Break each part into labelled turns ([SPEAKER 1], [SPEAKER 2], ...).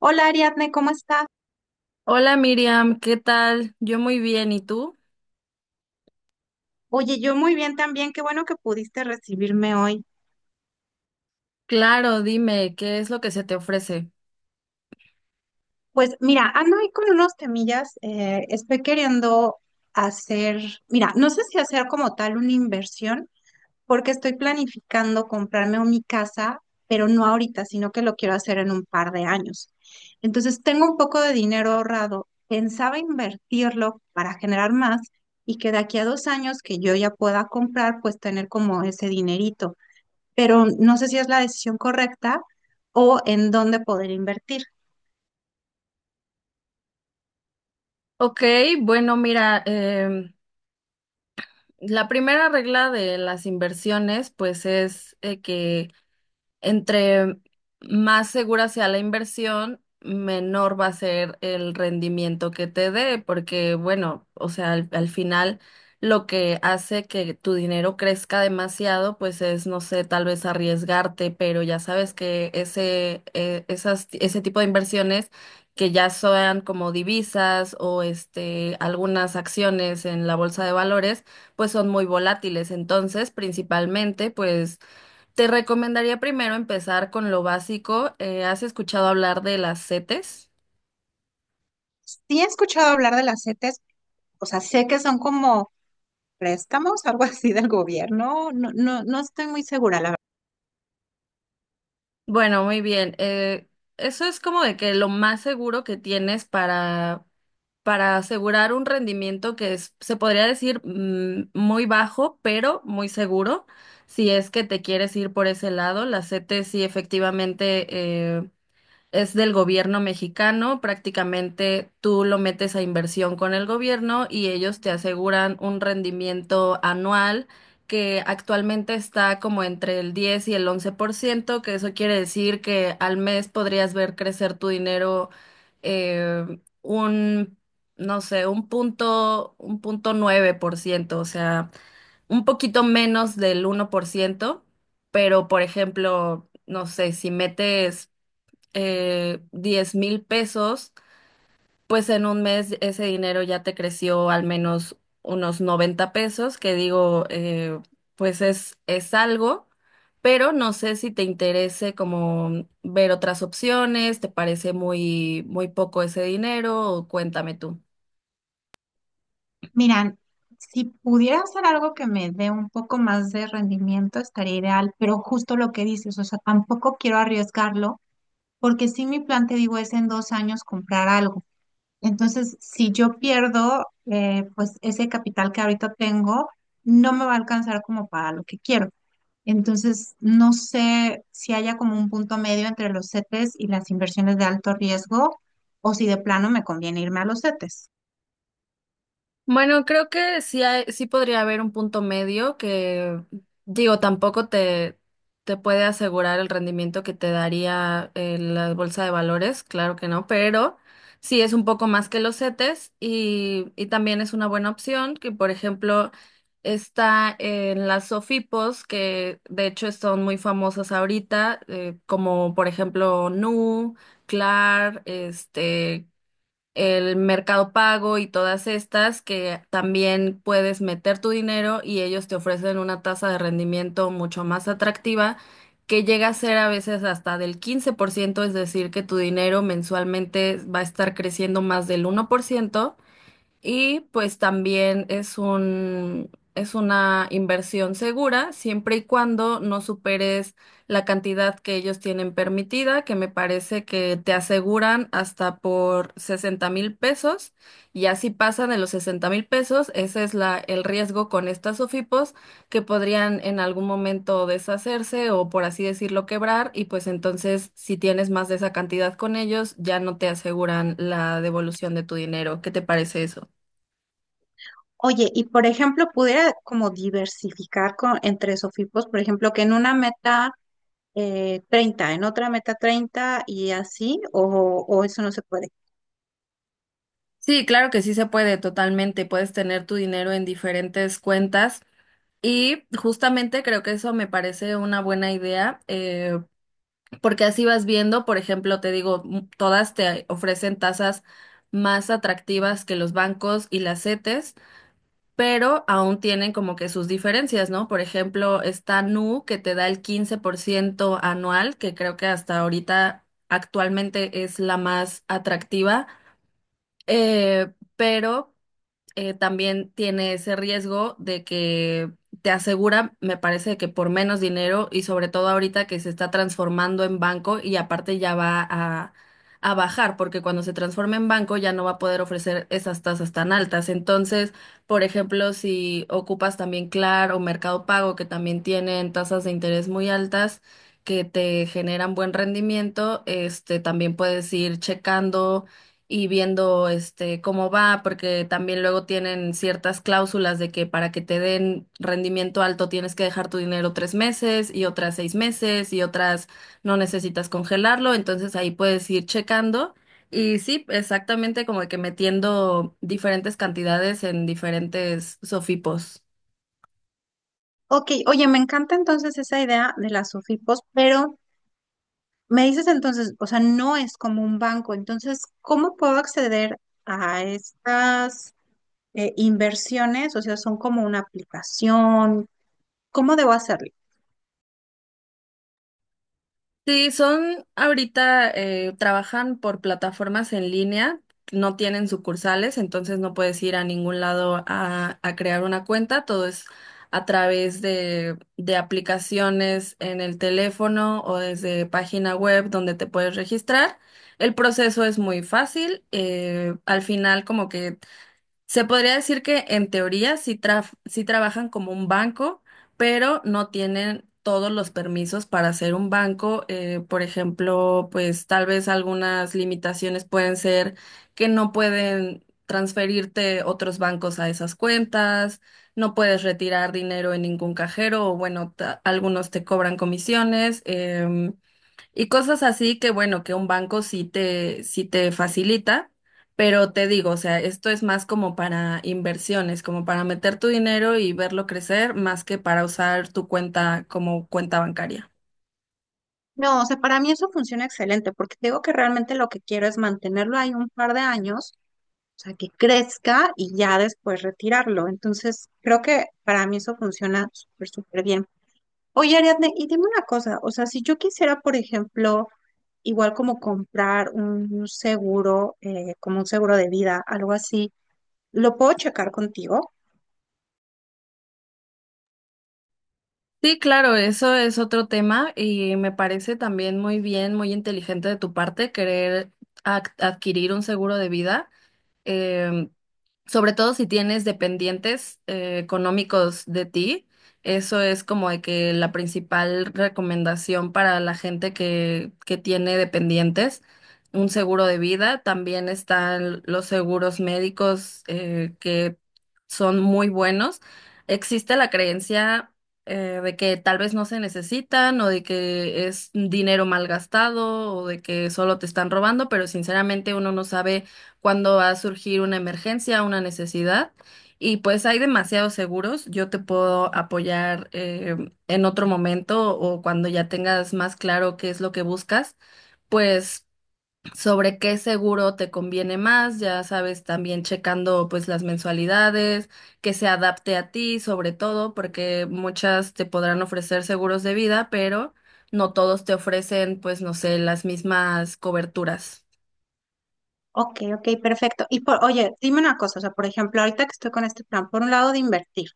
[SPEAKER 1] Hola Ariadne, ¿cómo estás?
[SPEAKER 2] Hola Miriam, ¿qué tal? Yo muy bien, ¿y tú?
[SPEAKER 1] Oye, yo muy bien también, qué bueno que pudiste recibirme hoy.
[SPEAKER 2] Claro, dime, ¿qué es lo que se te ofrece?
[SPEAKER 1] Pues mira, ando ahí con unos temillas, estoy queriendo hacer, mira, no sé si hacer como tal una inversión, porque estoy planificando comprarme mi casa, pero no ahorita, sino que lo quiero hacer en un par de años. Entonces tengo un poco de dinero ahorrado, pensaba invertirlo para generar más y que de aquí a dos años que yo ya pueda comprar, pues tener como ese dinerito. Pero no sé si es la decisión correcta o en dónde poder invertir.
[SPEAKER 2] Ok, bueno, mira, la primera regla de las inversiones, pues es, que entre más segura sea la inversión, menor va a ser el rendimiento que te dé, porque bueno, o sea, al final lo que hace que tu dinero crezca demasiado, pues es, no sé, tal vez arriesgarte, pero ya sabes que ese tipo de inversiones que ya sean como divisas o este, algunas acciones en la bolsa de valores, pues son muy volátiles. Entonces, principalmente, pues te recomendaría primero empezar con lo básico. ¿Has escuchado hablar de las CETES?
[SPEAKER 1] Sí he escuchado hablar de las CETES, o sea, sé que son como préstamos, algo así del gobierno, no estoy muy segura, la verdad.
[SPEAKER 2] Bueno, muy bien. Eso es como de que lo más seguro que tienes para, asegurar un rendimiento que es, se podría decir, muy bajo, pero muy seguro. Si es que te quieres ir por ese lado, las CETES, sí, efectivamente, eh, es del gobierno mexicano. Prácticamente tú lo metes a inversión con el gobierno y ellos te aseguran un rendimiento anual que actualmente está como entre el 10 y el 11%, que eso quiere decir que al mes podrías ver crecer tu dinero, eh, un, no sé, 1.9%, o sea, un poquito menos del 1%. Pero por ejemplo, no sé, si metes 10 mil pesos, pues en un mes ese dinero ya te creció al menos unos 90 pesos, que digo, pues es algo, pero no sé si te interese como ver otras opciones, te parece muy, muy poco ese dinero, o cuéntame tú.
[SPEAKER 1] Miran, si pudiera hacer algo que me dé un poco más de rendimiento, estaría ideal, pero justo lo que dices, o sea, tampoco quiero arriesgarlo, porque si mi plan, te digo, es en dos años comprar algo. Entonces, si yo pierdo, pues ese capital que ahorita tengo no me va a alcanzar como para lo que quiero. Entonces, no sé si haya como un punto medio entre los CETES y las inversiones de alto riesgo o si de plano me conviene irme a los CETES.
[SPEAKER 2] Bueno, creo que sí, sí podría haber un punto medio que, digo, tampoco te puede asegurar el rendimiento que te daría, la bolsa de valores, claro que no, pero sí es un poco más que los CETES, y también es una buena opción que, por ejemplo, está en las SOFIPOS, que de hecho son muy famosas ahorita, como por ejemplo NU, CLAR, este, el Mercado Pago y todas estas, que también puedes meter tu dinero y ellos te ofrecen una tasa de rendimiento mucho más atractiva, que llega a ser a veces hasta del 15%, es decir, que tu dinero mensualmente va a estar creciendo más del 1%, y pues también es es una inversión segura, siempre y cuando no superes la cantidad que ellos tienen permitida, que me parece que te aseguran hasta por 60,000 pesos. Y así pasan de los 60,000 pesos, ese es el riesgo con estas OFIPOS, que podrían en algún momento deshacerse o, por así decirlo, quebrar. Y pues entonces, si tienes más de esa cantidad con ellos, ya no te aseguran la devolución de tu dinero. ¿Qué te parece eso?
[SPEAKER 1] Oye, y por ejemplo, pudiera como diversificar con, entre SOFIPOS, por ejemplo, que en una meta 30, en otra meta 30 y así, o eso no se puede.
[SPEAKER 2] Sí, claro que sí se puede, totalmente. Puedes tener tu dinero en diferentes cuentas y justamente creo que eso me parece una buena idea, porque así vas viendo, por ejemplo, te digo, todas te ofrecen tasas más atractivas que los bancos y las CETES, pero aún tienen como que sus diferencias, ¿no? Por ejemplo, está Nu, que te da el 15% anual, que creo que hasta ahorita actualmente es la más atractiva. Pero también tiene ese riesgo de que te asegura, me parece que por menos dinero, y sobre todo ahorita que se está transformando en banco, y aparte ya va a bajar, porque cuando se transforme en banco ya no va a poder ofrecer esas tasas tan altas. Entonces, por ejemplo, si ocupas también Claro o Mercado Pago, que también tienen tasas de interés muy altas, que te generan buen rendimiento, este también puedes ir checando y viendo este cómo va, porque también luego tienen ciertas cláusulas de que para que te den rendimiento alto tienes que dejar tu dinero 3 meses, y otras 6 meses, y otras no necesitas congelarlo, entonces ahí puedes ir checando. Y sí, exactamente, como que metiendo diferentes cantidades en diferentes sofipos.
[SPEAKER 1] Ok, oye, me encanta entonces esa idea de las SOFIPOS, pero me dices entonces, o sea, no es como un banco, entonces, ¿cómo puedo acceder a estas inversiones? O sea, son como una aplicación, ¿cómo debo hacerlo?
[SPEAKER 2] Sí, son ahorita, trabajan por plataformas en línea, no tienen sucursales, entonces no puedes ir a ningún lado a crear una cuenta, todo es a través de aplicaciones en el teléfono o desde página web donde te puedes registrar. El proceso es muy fácil, al final como que se podría decir que en teoría sí, sí trabajan como un banco, pero no tienen todos los permisos para ser un banco. Por ejemplo, pues tal vez algunas limitaciones pueden ser que no pueden transferirte otros bancos a esas cuentas, no puedes retirar dinero en ningún cajero o, bueno, algunos te cobran comisiones. Y cosas así, que bueno, que un banco sí te facilita, pero te digo, o sea, esto es más como para inversiones, como para meter tu dinero y verlo crecer, más que para usar tu cuenta como cuenta bancaria.
[SPEAKER 1] No, o sea, para mí eso funciona excelente, porque te digo que realmente lo que quiero es mantenerlo ahí un par de años, o sea, que crezca y ya después retirarlo. Entonces, creo que para mí eso funciona súper, súper bien. Oye, Ariadne, y dime una cosa, o sea, si yo quisiera, por ejemplo, igual como comprar un seguro, como un seguro de vida, algo así, ¿lo puedo checar contigo?
[SPEAKER 2] Sí, claro, eso es otro tema y me parece también muy bien, muy inteligente de tu parte querer adquirir un seguro de vida. Em, Sobre todo si tienes dependientes económicos de ti, eso es como de que la principal recomendación para la gente que tiene dependientes, un seguro de vida. También están los seguros médicos, que son muy buenos. Existe la creencia, de que tal vez no se necesitan, o de que es dinero mal gastado, o de que solo te están robando, pero sinceramente uno no sabe cuando va a surgir una emergencia, una necesidad. Y pues hay demasiados seguros. Yo te puedo apoyar en otro momento o cuando ya tengas más claro qué es lo que buscas, pues sobre qué seguro te conviene más, ya sabes, también checando pues las mensualidades, que se adapte a ti sobre todo, porque muchas te podrán ofrecer seguros de vida, pero no todos te ofrecen, pues no sé, las mismas coberturas.
[SPEAKER 1] Ok, ok, perfecto. Y por, oye, dime una cosa, o sea, por ejemplo, ahorita que estoy con este plan, por un lado de invertir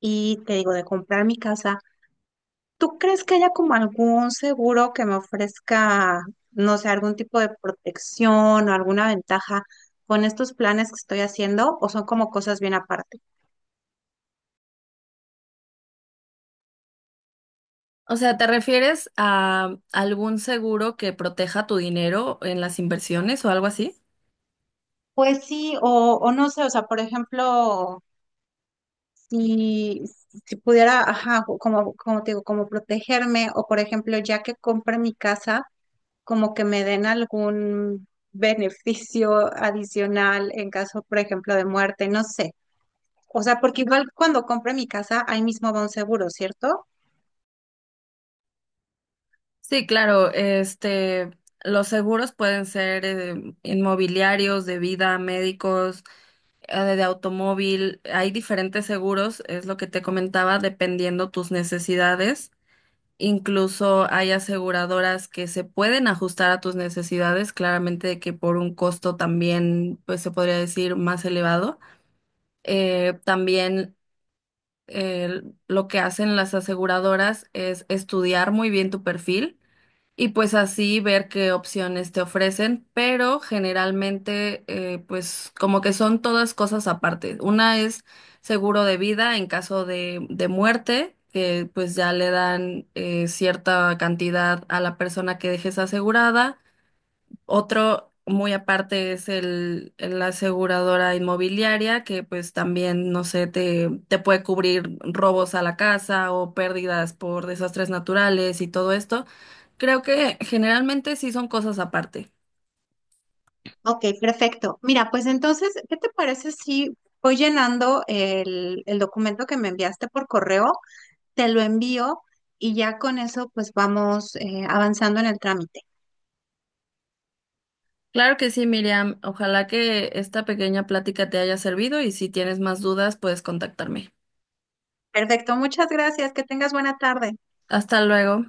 [SPEAKER 1] y te digo de comprar mi casa, ¿tú crees que haya como algún seguro que me ofrezca, no sé, algún tipo de protección o alguna ventaja con estos planes que estoy haciendo o son como cosas bien aparte?
[SPEAKER 2] O sea, ¿te refieres a algún seguro que proteja tu dinero en las inversiones o algo así?
[SPEAKER 1] Pues sí, o no sé, o sea, por ejemplo, si, si pudiera, ajá, como te digo, como protegerme, o por ejemplo, ya que compre mi casa, como que me den algún beneficio adicional en caso, por ejemplo, de muerte, no sé. O sea, porque igual cuando compre mi casa, ahí mismo va un seguro, ¿cierto?
[SPEAKER 2] Sí, claro, este, los seguros pueden ser, inmobiliarios, de vida, médicos, de automóvil. Hay diferentes seguros, es lo que te comentaba, dependiendo tus necesidades. Incluso hay aseguradoras que se pueden ajustar a tus necesidades, claramente de que por un costo también, pues se podría decir, más elevado. También lo que hacen las aseguradoras es estudiar muy bien tu perfil y pues así ver qué opciones te ofrecen, pero generalmente, pues como que son todas cosas aparte. Una es seguro de vida en caso de muerte, que pues ya le dan, cierta cantidad a la persona que dejes asegurada. Otro muy aparte es la aseguradora inmobiliaria, que pues también, no sé, te puede cubrir robos a la casa o pérdidas por desastres naturales y todo esto. Creo que generalmente sí son cosas aparte.
[SPEAKER 1] Ok, perfecto. Mira, pues entonces, ¿qué te parece si voy llenando el documento que me enviaste por correo? Te lo envío y ya con eso pues vamos avanzando en el trámite.
[SPEAKER 2] Claro que sí, Miriam. Ojalá que esta pequeña plática te haya servido y si tienes más dudas, puedes contactarme.
[SPEAKER 1] Perfecto, muchas gracias, que tengas buena tarde.
[SPEAKER 2] Hasta luego.